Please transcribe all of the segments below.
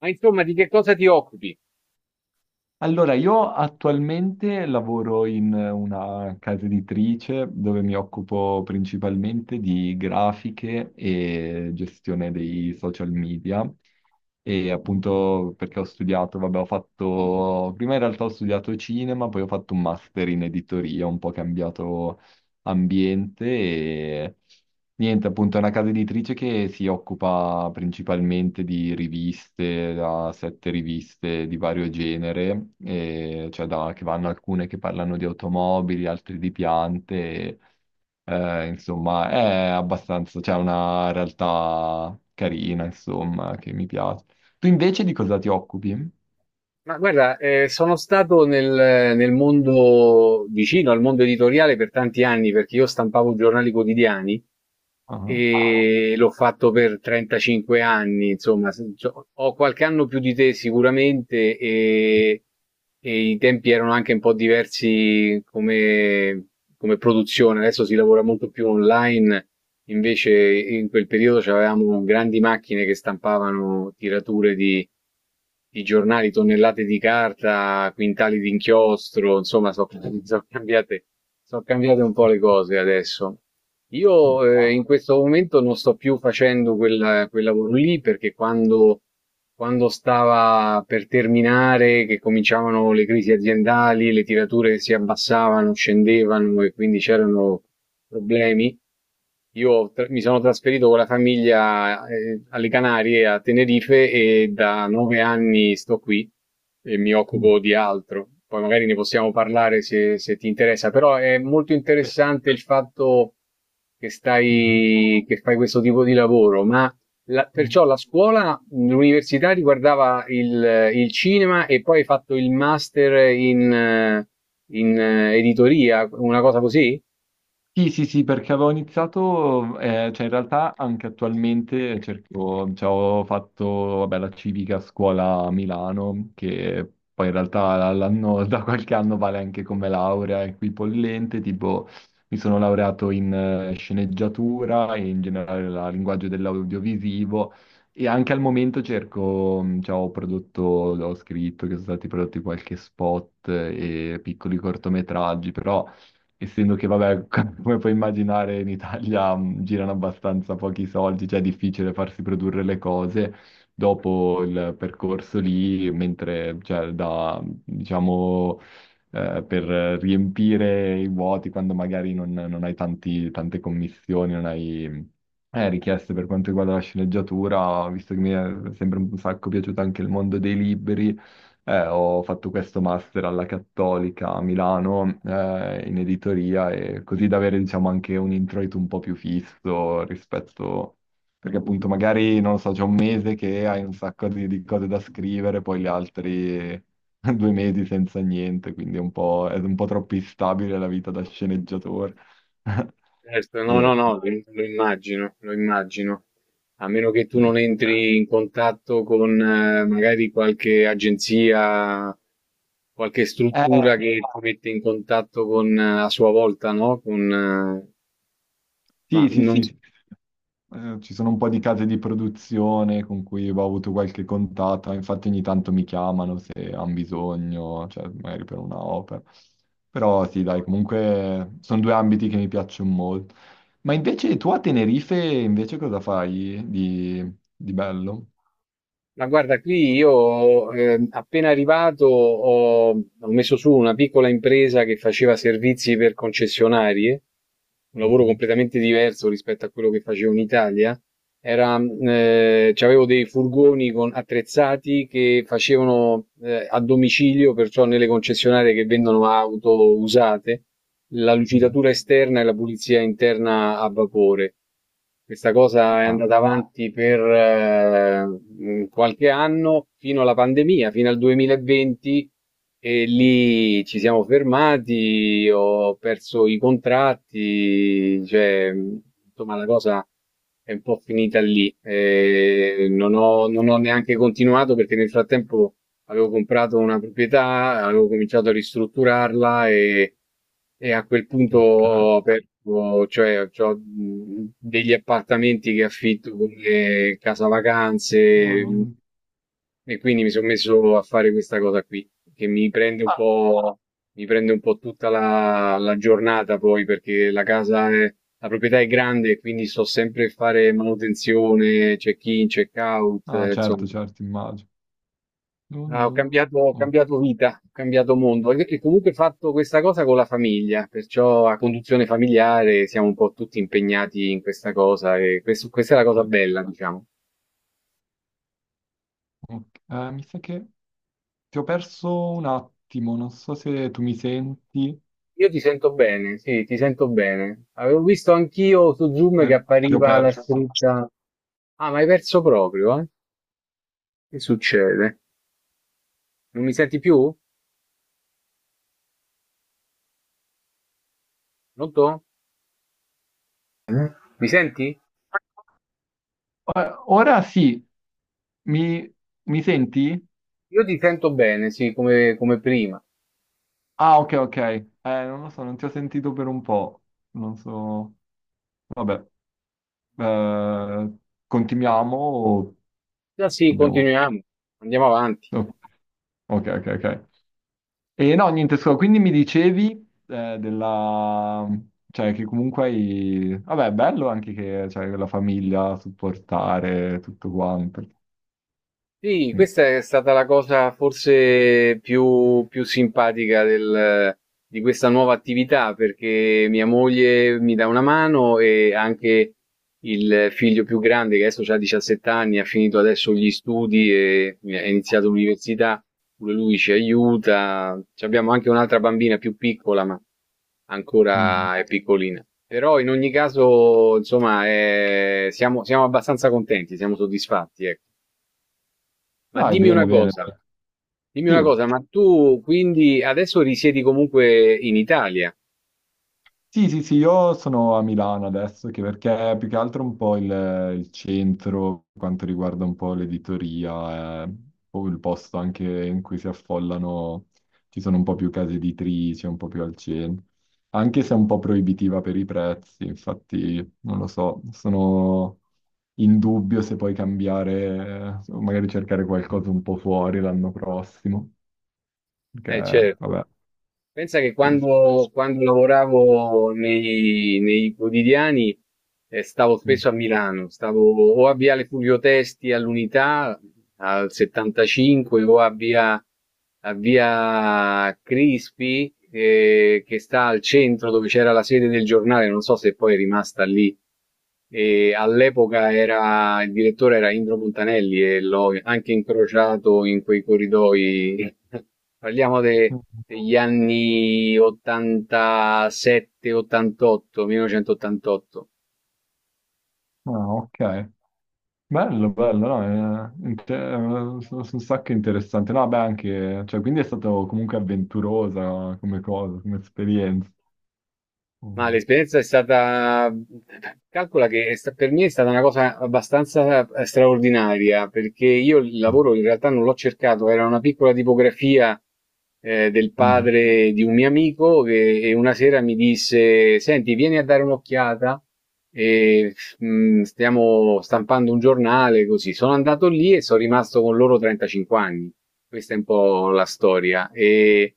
Ma insomma, di che cosa ti occupi? Allora, io attualmente lavoro in una casa editrice dove mi occupo principalmente di grafiche e gestione dei social media. E appunto perché ho studiato, vabbè, ho fatto, prima in realtà ho studiato cinema, poi ho fatto un master in editoria, ho un po' cambiato ambiente. Niente, appunto, è una casa editrice che si occupa principalmente di riviste, da sette riviste di vario genere, e cioè che vanno alcune che parlano di automobili, altre di piante, e, insomma, è abbastanza, c'è una realtà carina, insomma, che mi piace. Tu invece di cosa ti occupi? Ma guarda, sono stato nel mondo vicino al mondo editoriale per tanti anni perché io stampavo giornali quotidiani Ah, e l'ho fatto per 35 anni, insomma, ho qualche anno più di te sicuramente e i tempi erano anche un po' diversi come produzione, adesso si lavora molto più online, invece in quel periodo avevamo grandi macchine che stampavano tirature di giornali, tonnellate di carta, quintali di inchiostro, insomma, sono cambiate, sono cambiate un po' le cose adesso. Io ah, in questo momento non sto più facendo quel lavoro lì perché quando stava per terminare, che cominciavano le crisi aziendali, le tirature si abbassavano, scendevano e quindi c'erano problemi, mi sono trasferito con la famiglia alle Canarie, a Tenerife, e da nove anni sto qui e mi mm, occupo di altro. Poi magari ne possiamo parlare se ti interessa, però è molto sì, interessante il fatto che che fai questo tipo di lavoro, ma mhm. perciò la scuola, l'università riguardava il cinema e poi hai fatto il master in editoria, una cosa così? Sì, sì, sì, perché avevo iniziato, cioè in realtà anche attualmente cerco, cioè ho fatto, vabbè, la civica a scuola a Milano, che poi in realtà da qualche anno vale anche come laurea equipollente, tipo mi sono laureato in sceneggiatura e in generale la linguaggio dell'audiovisivo e anche al momento cerco, cioè ho prodotto, ho scritto che sono stati prodotti qualche spot e piccoli cortometraggi, però essendo che, vabbè, come puoi immaginare, in Italia girano abbastanza pochi soldi, cioè è difficile farsi produrre le cose dopo il percorso lì, mentre, cioè, da, diciamo, per riempire i vuoti quando magari non hai tante commissioni, non hai richieste per quanto riguarda la sceneggiatura, visto che mi è sempre un sacco piaciuto anche il mondo dei libri, ho fatto questo master alla Cattolica a Milano, in editoria e così da avere, diciamo, anche un introito un po' più fisso rispetto. Perché appunto magari, non lo so, c'è un mese che hai un sacco di, cose da scrivere, poi gli altri 2 mesi senza niente, quindi è un po' troppo instabile la vita da sceneggiatore. Certo, no, E- no, no, lo immagino, lo immagino. A meno che tu non entri in contatto con magari qualche agenzia, qualche eh, struttura che ti mette in contatto con a sua volta, no? Con, ma sì, sì, non, sì, sì. Ci sono un po' di case di produzione con cui ho avuto qualche contatto, infatti ogni tanto mi chiamano se hanno bisogno, cioè magari per una opera. Però sì, dai, comunque sono due ambiti che mi piacciono molto. Ma invece tu a Tenerife invece cosa fai di bello? Ma guarda, qui io appena arrivato ho messo su una piccola impresa che faceva servizi per concessionarie, un lavoro Mhm, completamente diverso rispetto a quello che facevo in Italia. Era, c'avevo dei furgoni attrezzati che facevano a domicilio, perciò nelle concessionarie che vendono auto usate la mhm. lucidatura esterna e la pulizia interna a vapore. Questa cosa è Ah, andata avanti per qualche anno, fino alla pandemia, fino al 2020, e lì ci siamo fermati, ho perso i contratti, insomma, la cosa è un po' finita lì. Non non ho neanche continuato perché nel frattempo avevo comprato una proprietà, avevo cominciato a ristrutturarla e a quel punto ok. ho aperto, cioè ho degli appartamenti che affitto come casa Oh, vacanze, e quindi mi sono messo a fare questa cosa qui, che mi prende un ah, mi prende un po' tutta la giornata poi perché la casa è, la proprietà è grande e quindi sto sempre a fare manutenzione, check-in, check-out, ah, insomma. certo, certo, immagino. Non- Ah, non- ho ok, cambiato vita, ho cambiato mondo e comunque ho fatto questa cosa con la famiglia, perciò a conduzione familiare siamo un po' tutti impegnati in questa cosa e questa è la cosa bella, diciamo. ok. Mi sa che ti ho perso un attimo, non so se tu mi senti. Io ti sento bene, sì, ti sento bene. Avevo visto anch'io su Zoom che Eh, ti ho appariva la perso. scritta. Ah, ma hai perso proprio, eh? Che succede? Non mi senti più? Pronto? Eh? Mi senti? Ora ora sì, mi, mi senti? Io ti sento bene, sì, come, come prima. Ah, ok, ok. Non lo so, non ti ho sentito per un po'. Non so. Vabbè, eh, continuiamo o Ah, sì, dobbiamo. continuiamo, andiamo avanti. No. Ok, ok, ok. E no, niente, scusa, quindi mi dicevi della. Cioè, che comunque hai. Vabbè, è bello anche che c'hai la famiglia, supportare, tutto quanto. Sì, Mm. questa è stata la cosa forse più, più simpatica di questa nuova attività, perché mia moglie mi dà una mano e anche il figlio più grande, che adesso ha 17 anni, ha finito adesso gli studi e ha iniziato l'università, pure lui ci aiuta. Ci abbiamo anche un'altra bambina più piccola, ma Mm. ancora è piccolina. Però in ogni caso, insomma, siamo abbastanza contenti, siamo soddisfatti, ecco. Ma Dai, bene, bene, bene. dimmi una Sì. cosa, ma tu quindi adesso risiedi comunque in Italia? Sì, sì, sì, io sono a Milano adesso, che perché è più che altro un po' il, centro, per quanto riguarda un po' l'editoria, è un po' il posto anche in cui si affollano, ci sono un po' più case editrici, un po' più al centro, anche se è un po' proibitiva per i prezzi, infatti non lo so, sono in dubbio se poi cambiare, o magari cercare qualcosa un po' fuori l'anno prossimo, Eh perché certo. vabbè, Pensa che sì, sì. quando, quando lavoravo nei quotidiani stavo Mm. spesso a Milano, stavo o a Viale Fulvio Testi all'Unità al 75 o a a Via Crispi che sta al centro dove c'era la sede del giornale, non so se poi è rimasta lì. E all'epoca il direttore era Indro Montanelli e l'ho anche incrociato in quei corridoi. Parliamo degli anni 87-88, 1988. Ah, ok. Bello, bello, no, sono un sacco interessante. No, beh, anche, cioè, quindi è stato comunque avventurosa come cosa, come esperienza. Ma Mm. l'esperienza è stata, calcola che per me è stata una cosa abbastanza straordinaria, perché io il lavoro in realtà non l'ho cercato, era una piccola tipografia del Mm. padre di un mio amico che una sera mi disse, senti, vieni a dare un'occhiata, e, stiamo stampando un giornale, così. Sono andato lì e sono rimasto con loro 35 anni. Questa è un po' la storia. E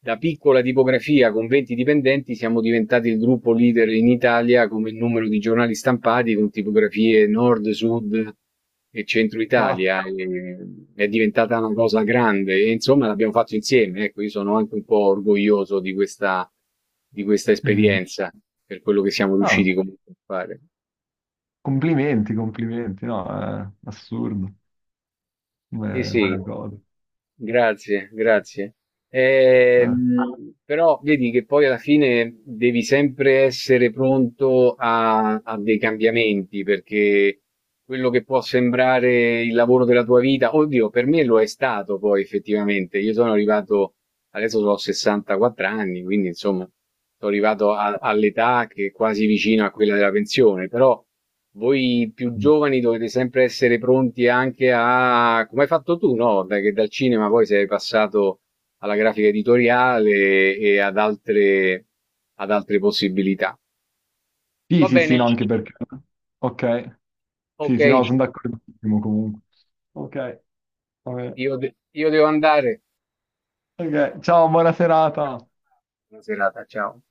da piccola tipografia con 20 dipendenti siamo diventati il gruppo leader in Italia come numero di giornali stampati con tipografie nord, sud e centro Cazzo. Italia. E è diventata una cosa grande e insomma l'abbiamo fatto insieme. Ecco, io sono anche un po' orgoglioso di questa Mm. esperienza per quello che siamo No, riusciti comunque a fare. complimenti, complimenti, no, è assurdo Sì, sì, come, cosa. grazie, grazie. Eh. Però vedi che poi alla fine devi sempre essere pronto a dei cambiamenti, perché quello che può sembrare il lavoro della tua vita, oddio, per me lo è stato poi effettivamente. Io sono arrivato, adesso ho 64 anni, quindi insomma, sono arrivato all'età che è quasi vicino a quella della pensione, però voi più Mm. giovani dovete sempre essere pronti anche a come hai fatto tu, no, da che dal cinema poi sei passato alla grafica editoriale e ad altre possibilità. Sì, Va sì, sì, bene, no, anche perché. Ok, ok, sì, sì, no, sono d'accordissimo comunque. Ok, vabbè. Io devo andare. Ok, ciao, buona serata. Buona serata, ciao.